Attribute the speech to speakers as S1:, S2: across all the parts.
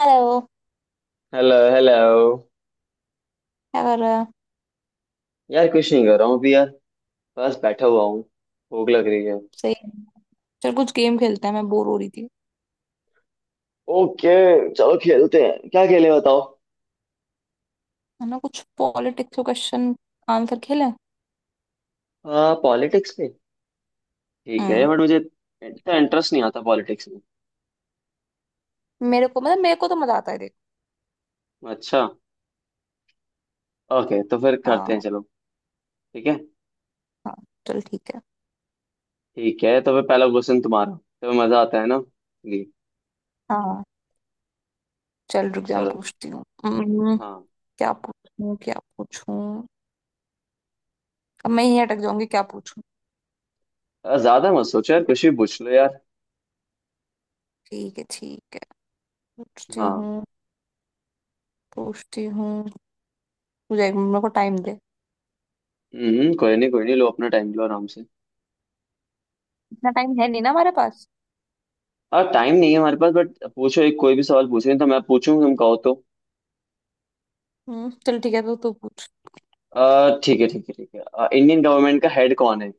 S1: Hello.
S2: Hello hello.
S1: क्या कर रहा है?
S2: यार कुछ नहीं कर रहा हूँ अभी यार। बस बैठा हुआ हूँ। भूख लग रही है।
S1: सही है। चल कुछ गेम खेलते हैं, मैं बोर हो रही थी।
S2: ओके। चलो खेलते हैं, क्या खेले बताओ।
S1: है ना, कुछ पॉलिटिक्स के क्वेश्चन आंसर खेलें।
S2: पॉलिटिक्स पे। ठीक है,
S1: हम्म।
S2: बट मुझे इतना इंटरेस्ट नहीं आता पॉलिटिक्स में।
S1: मेरे को, मतलब मेरे को तो मजा आता है, देख।
S2: अच्छा। ओके तो फिर करते हैं,
S1: हाँ
S2: चलो। ठीक है।
S1: हाँ। चल ठीक है।
S2: ठीक है, तो फिर पहला क्वेश्चन तुम्हारा। तो मजा आता है ना जी।
S1: हाँ। चल रुक जा, मैं
S2: चलो।
S1: पूछती हूँ।
S2: हाँ।
S1: क्या पूछूं क्या पूछूं? अब मैं यहीं अटक जाऊंगी, क्या पूछूं।
S2: ज्यादा मत सोचो यार,
S1: बट
S2: कुछ भी पूछ लो यार।
S1: ठीक है, ठीक है, पूछती हूँ,
S2: हाँ।
S1: पूछती हूँ। तुझे 1 मिनट, मेरे को टाइम दे।
S2: हम्म। कोई नहीं, कोई नहीं, लो अपना टाइम लो आराम से।
S1: इतना टाइम है नहीं ना हमारे पास।
S2: और टाइम नहीं है हमारे पास, बट पूछो एक कोई भी सवाल पूछो, नहीं तो मैं पूछूं तुम कहो तो।
S1: चल ठीक है, तो तू पूछ।
S2: ठीक है ठीक है ठीक है। इंडियन गवर्नमेंट का हेड कौन है?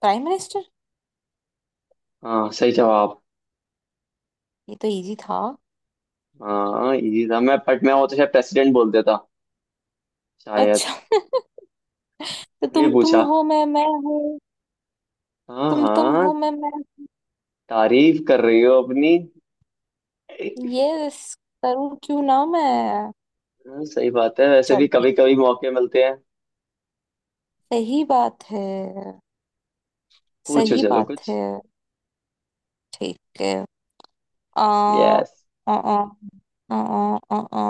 S1: Prime minister.
S2: हाँ, सही जवाब।
S1: ये तो इजी था।
S2: हाँ इजी था, मैं बट मैं वो तो शायद प्रेसिडेंट बोल देता, शायद।
S1: अच्छा। तो
S2: ये
S1: तुम
S2: पूछा?
S1: हो मैं हूँ।
S2: हाँ
S1: तुम
S2: हाँ।
S1: हो मैं मैं।
S2: तारीफ कर रही हो अपनी।
S1: ये करूँ, क्यों ना मैं?
S2: हाँ, सही बात है, वैसे
S1: चल
S2: भी कभी
S1: ठीक।
S2: कभी मौके मिलते हैं।
S1: सही बात है,
S2: पूछो
S1: सही
S2: चलो
S1: बात
S2: कुछ।
S1: है। ठीक है। आ
S2: यस,
S1: आ आ आ आ आ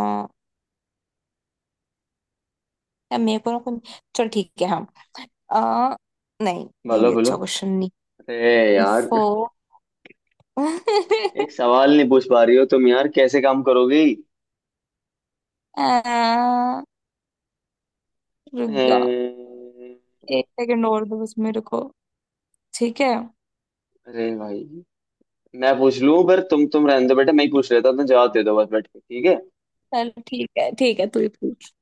S1: आ मेरे को ना चल ठीक है। हम आ नहीं, ये
S2: बोलो
S1: भी
S2: बोलो।
S1: अच्छा क्वेश्चन नहीं।
S2: अरे यार,
S1: फो
S2: एक सवाल नहीं पूछ पा रही हो तुम यार, कैसे काम करोगी?
S1: आ, रुक जाओ।
S2: अ,
S1: 1 सेकंड और दो, बस मेरे को। ठीक है।
S2: अरे भाई, मैं पूछ लूं, पर तुम रहने दो बेटा, मैं ही पूछ लेता हूं, तुम जवाब दे दो बस बैठ के, ठीक है।
S1: चल ठीक है, ठीक है, तू ही पूछ।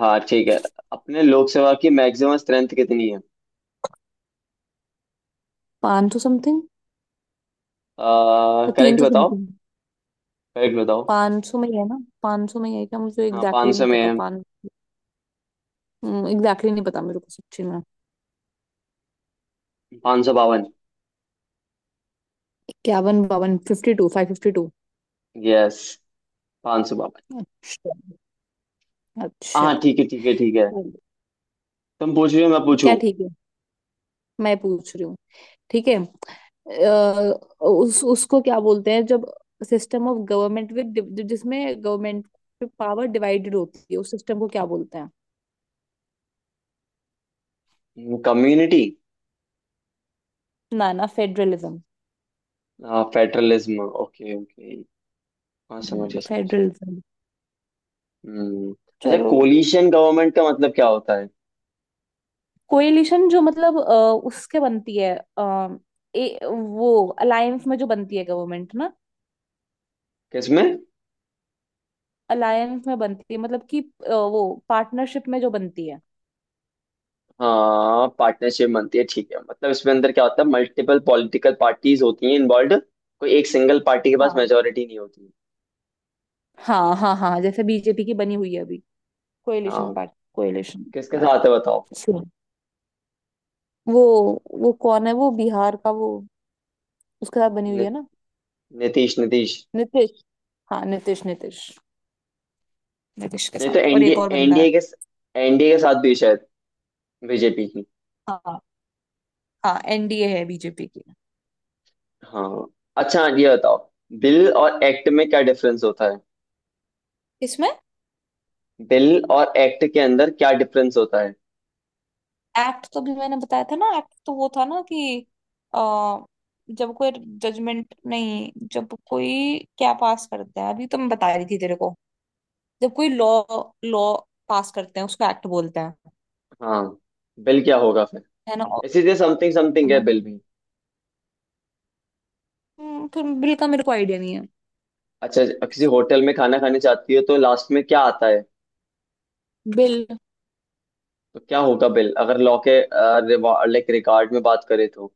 S2: हाँ, ठीक है। अपने लोकसभा की मैक्सिमम स्ट्रेंथ कितनी है?
S1: 500 समथिंग। तो तीन
S2: करेक्ट
S1: तो
S2: बताओ,
S1: समथिंग।
S2: करेक्ट बताओ।
S1: 500 में ही है ना? 500 में ही है क्या? मुझे
S2: हाँ पाँच
S1: एग्जैक्टली
S2: सौ
S1: नहीं
S2: में
S1: पता।
S2: है।
S1: पान एग्जैक्टली नहीं पता मेरे को, सच्ची में।
S2: 552।
S1: 51 52 52 552।
S2: यस, 552।
S1: अच्छा। अच्छा।
S2: हाँ ठीक है ठीक है ठीक है। तुम पूछ रहे हो मैं पूछूं?
S1: क्या ठीक है? मैं पूछ रही हूँ। ठीक है। अ, उस उसको क्या बोलते हैं जब सिस्टम ऑफ गवर्नमेंट विद, जिसमें गवर्नमेंट पावर डिवाइडेड होती है, उस सिस्टम को क्या बोलते हैं?
S2: कम्युनिटी।
S1: ना ना, फेडरलिज्म।
S2: Federalism, okay okay. हाँ, समझ गया समझ
S1: फेडरलिज्म।
S2: गया। हम्म। अच्छा,
S1: चलो।
S2: कोलिशन गवर्नमेंट का मतलब क्या होता है?
S1: कोएलिशन जो, मतलब उसके बनती है। आ, वो अलायंस में जो बनती है, गवर्नमेंट ना।
S2: किसमें?
S1: अलायंस में बनती है, मतलब कि वो पार्टनरशिप में जो बनती है।
S2: हाँ, पार्टनरशिप बनती है ठीक है, मतलब इसमें अंदर क्या होता है, मल्टीपल पॉलिटिकल पार्टीज होती हैं इन्वॉल्व। कोई एक सिंगल पार्टी के पास
S1: हाँ,
S2: मेजोरिटी नहीं होती।
S1: हाँ, हाँ, हाँ, जैसे बीजेपी की बनी हुई है अभी। कोएलिशन
S2: हाँ,
S1: पार्ट कोएलिशन।
S2: किसके साथ
S1: पार्टी।
S2: है बताओ।
S1: वो वो कौन है, वो बिहार का वो? उसके साथ बनी हुई
S2: नि,
S1: है ना।
S2: नीतीश नीतीश।
S1: नीतीश। हाँ, नीतीश नीतीश। नीतीश के
S2: नहीं तो
S1: साथ, और
S2: एनडीए
S1: एक और बंदा है।
S2: एनडीए के एनडीए के साथ भी है शायद, बीजेपी की।
S1: हाँ, हाँ, एनडीए है बीजेपी की।
S2: हाँ, अच्छा, हाँ, ये बताओ, बिल और एक्ट में क्या डिफरेंस होता है?
S1: इसमें।
S2: बिल और एक्ट के अंदर क्या डिफरेंस होता है?
S1: एक्ट तो भी मैंने बताया था ना, एक्ट तो वो था ना कि आ, जब कोई जजमेंट, नहीं, जब कोई क्या पास करता है, अभी तो मैं बता रही थी तेरे को। जब कोई लॉ लॉ पास करते हैं, उसको एक्ट बोलते हैं।
S2: हाँ बिल क्या होगा फिर?
S1: है ना, और
S2: इसी तरह समथिंग समथिंग है बिल
S1: amendment।
S2: भी।
S1: फिर बिल का मेरे को आइडिया नहीं है।
S2: अच्छा, किसी होटल में खाना खाने जाती है तो लास्ट में क्या आता है?
S1: बिल।
S2: तो क्या होगा बिल, अगर लॉ के, लाइक रिकॉर्ड में बात करें तो।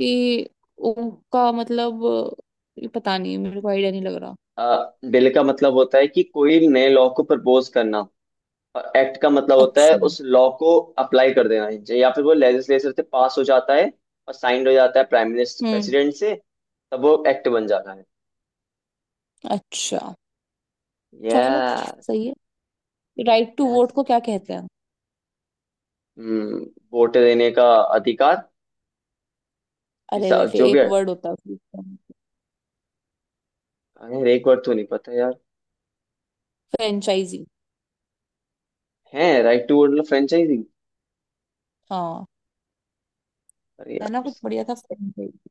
S1: कि उनका मतलब। ये पता नहीं, मेरे को आइडिया नहीं लग रहा।
S2: बिल का मतलब होता है कि कोई नए लॉ को प्रपोज करना। एक्ट का मतलब होता है
S1: अच्छा।
S2: उस लॉ को अप्लाई कर देना चाहिए, या फिर वो लेजिस्लेचर से पास हो जाता है और साइंड हो जाता है प्राइम मिनिस्टर
S1: हम्म।
S2: प्रेसिडेंट से, तब वो एक्ट बन जाता है।
S1: अच्छा। चलो,
S2: यस।
S1: सही है। Right to vote
S2: yes.
S1: को क्या कहते हैं?
S2: हम्म। वोट देने का अधिकार।
S1: अरे वैसे
S2: जो भी।
S1: एक वर्ड होता है उसमें।
S2: अरे एक बार तो नहीं पता यार।
S1: फ्रेंचाइजी।
S2: है राइट टू वोट मतलब फ्रेंचाइजिंग।
S1: हाँ।
S2: अरे
S1: है
S2: यार
S1: ना, कुछ बढ़िया था फ्रेंचाइजी।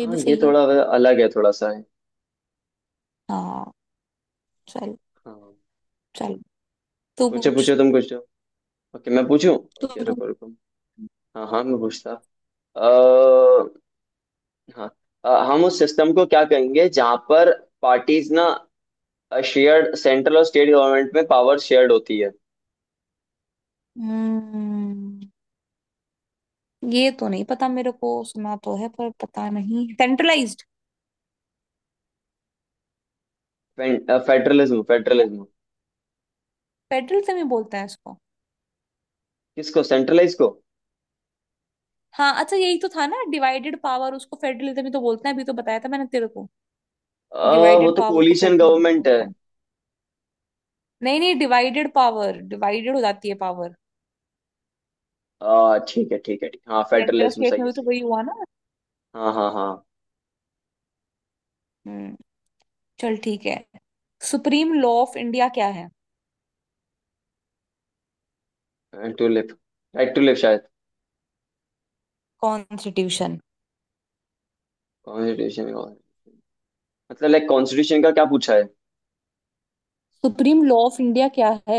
S1: ये
S2: हाँ,
S1: भी
S2: ये
S1: सही है।
S2: थोड़ा अलग है, थोड़ा सा है।
S1: हाँ। चल
S2: हाँ।
S1: चल। तू
S2: पूछो
S1: पूछ,
S2: पूछो तुम कुछ। ओके मैं पूछूं।
S1: तू
S2: ओके
S1: पूछ।
S2: रुको रुको। हाँ हाँ, मैं पूछता। हाँ हम उस सिस्टम को क्या कहेंगे जहां पर पार्टीज ना, शेयर्ड, सेंट्रल और स्टेट गवर्नमेंट में पावर शेयर्ड होती है?
S1: हम्म। ये तो नहीं पता मेरे को, सुना तो है पर पता नहीं। सेंट्रलाइज्ड?
S2: फेडरलिज्म
S1: है,
S2: फेडरलिज्म।
S1: फेडरलिज्म ही बोलते हैं इसको।
S2: किसको, सेंट्रलाइज को?
S1: हाँ, अच्छा, यही तो था ना, डिवाइडेड पावर, उसको फेडरलिज्म ही तो बोलते हैं। अभी तो बताया था मैंने तेरे को।
S2: अ, वो
S1: डिवाइडेड
S2: तो
S1: पावर को
S2: कोलिशन
S1: फेडरलिज्म
S2: गवर्नमेंट है।
S1: बोलते हैं। नहीं नहीं, डिवाइडेड पावर डिवाइडेड हो जाती है पावर।
S2: ठीक है ठीक है ठीक हाँ,
S1: सेंट्रल
S2: फेडरलिज्म
S1: स्टेट
S2: सही
S1: में
S2: है
S1: भी तो
S2: सही है।
S1: वही हुआ ना।
S2: हाँ हाँ हाँ।
S1: हम्म चल ठीक है। सुप्रीम लॉ ऑफ इंडिया क्या है?
S2: To live. Right to live शायद।
S1: कॉन्स्टिट्यूशन।
S2: कॉन्स्टिट्यूशन। मतलब लाइक कॉन्स्टिट्यूशन का क्या पूछा है?
S1: सुप्रीम लॉ ऑफ इंडिया क्या है?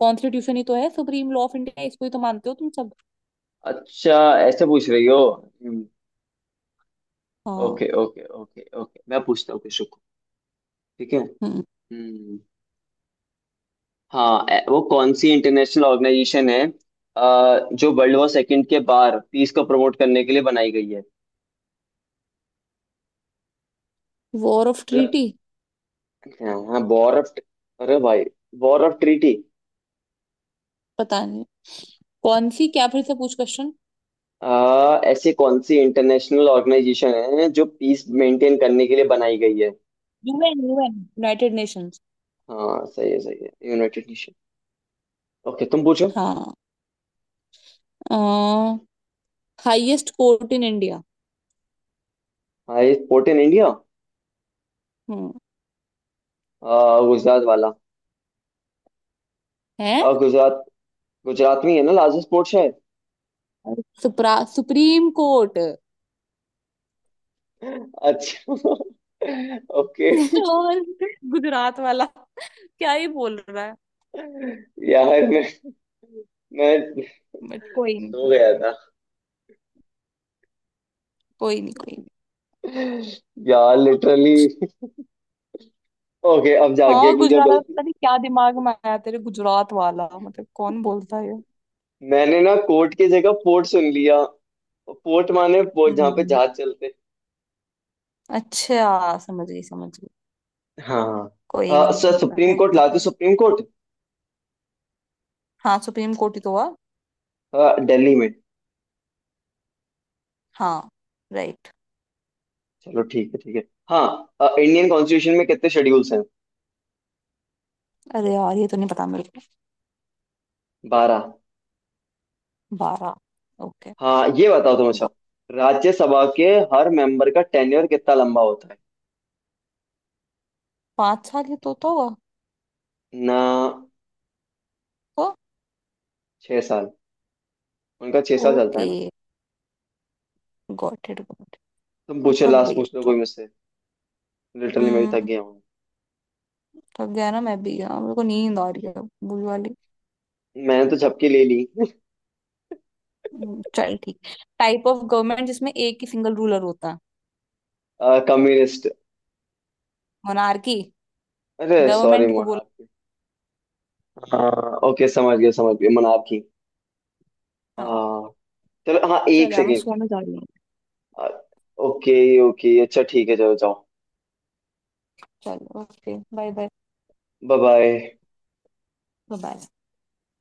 S1: कॉन्स्टिट्यूशन ही तो है सुप्रीम लॉ ऑफ इंडिया, इसको ही तो मानते हो तुम सब।
S2: अच्छा, ऐसे पूछ रही हो।
S1: हाँ।
S2: ओके ओके ओके ओके, मैं पूछता हूँ कुछ, रुको। ठीक है।
S1: हम्म।
S2: हम्म। हाँ वो कौन सी इंटरनेशनल ऑर्गेनाइजेशन है, जो वर्ल्ड वॉर सेकंड के बाद पीस को प्रमोट करने के लिए बनाई गई है?
S1: वॉर ऑफ
S2: मतलब।
S1: ट्रीटी।
S2: हाँ वॉर ऑफ। अरे भाई। War of treaty.
S1: पता नहीं, कौन सी क्या? फिर से पूछ क्वेश्चन।
S2: ऐसे कौन सी इंटरनेशनल ऑर्गेनाइजेशन है जो पीस मेंटेन करने के लिए बनाई गई है?
S1: UN UN, United Nations.
S2: हाँ, सही है सही है, यूनाइटेड नेशन। ओके तुम पूछो।
S1: हाँ, हाईएस्ट कोर्ट इन इंडिया?
S2: हाँ ये पोर्ट इन इंडिया?
S1: हम्म।
S2: गुजरात वाला।
S1: है
S2: गुजरात गुजरात में ही है ना लार्जेस्ट पोर्ट शायद।
S1: सुप्रा सुप्रीम कोर्ट।
S2: अच्छा। ओके।
S1: और गुजरात वाला क्या ही बोल रहा है?
S2: यार मैं
S1: बट कोई
S2: सो
S1: नहीं,
S2: गया था
S1: कोई नहीं, कोई
S2: यार, लिटरली।
S1: नहीं।
S2: ओके अब जाग गया,
S1: हाँ,
S2: क्योंकि अब
S1: गुजरात वाला,
S2: गलती।
S1: पता नहीं क्या दिमाग में आया तेरे, गुजरात वाला मतलब कौन बोलता है ये।
S2: मैंने ना कोर्ट की जगह पोर्ट सुन लिया। पोर्ट माने पोर्ट जहाँ पे
S1: हम्म
S2: जहाज चलते।
S1: अच्छा, समझ गई समझ गई।
S2: हाँ हाँ।
S1: कोई
S2: हाँ, सर
S1: नहीं पर
S2: सुप्रीम
S1: है
S2: कोर्ट,
S1: होता
S2: लाते
S1: है।
S2: Supreme court.
S1: हाँ, सुप्रीम कोर्ट ही तो हुआ।
S2: हाँ, दिल्ली में।
S1: हाँ, राइट।
S2: चलो ठीक है ठीक है। हाँ इंडियन कॉन्स्टिट्यूशन में कितने शेड्यूल्स हैं?
S1: अरे यार, ये तो नहीं पता मेरे को।
S2: 12।
S1: 12। ओके।
S2: हाँ ये बताओ तुम। अच्छा, राज्यसभा के हर मेंबर का टेन्योर कितना लंबा होता है?
S1: 5 साल ये तो हुआ।
S2: ना
S1: तो।
S2: 6 साल। उनका 6 साल चलता है
S1: ओके,
S2: ना।
S1: Got it got it.
S2: तुम
S1: मैं
S2: पूछो
S1: थक
S2: लास्ट
S1: गई
S2: पूछ
S1: अब
S2: लो
S1: तो।
S2: कोई मुझसे। लिटरली मैं भी
S1: हम्म।
S2: थक गया हूँ।
S1: थक गया ना मैं भी यार, मेरे को नींद आ रही है अब, बुरी वाली।
S2: मैंने तो झपकी ले ली।
S1: चल ठीक। टाइप ऑफ गवर्नमेंट जिसमें एक ही सिंगल रूलर होता है?
S2: कम्युनिस्ट।
S1: मोनार्की
S2: अरे सॉरी,
S1: गवर्नमेंट को बोला।
S2: मोनार्की। हाँ, ओके समझ गया समझ गया, मोनार्की।
S1: हाँ।
S2: हाँ। चलो हाँ,
S1: चल
S2: एक
S1: यार, मैं
S2: सेकेंड।
S1: सोने जा रही हूँ।
S2: ओके। ओके अच्छा ठीक है चलो जाओ।
S1: चल, okay, bye bye,
S2: bye bye.
S1: Bye.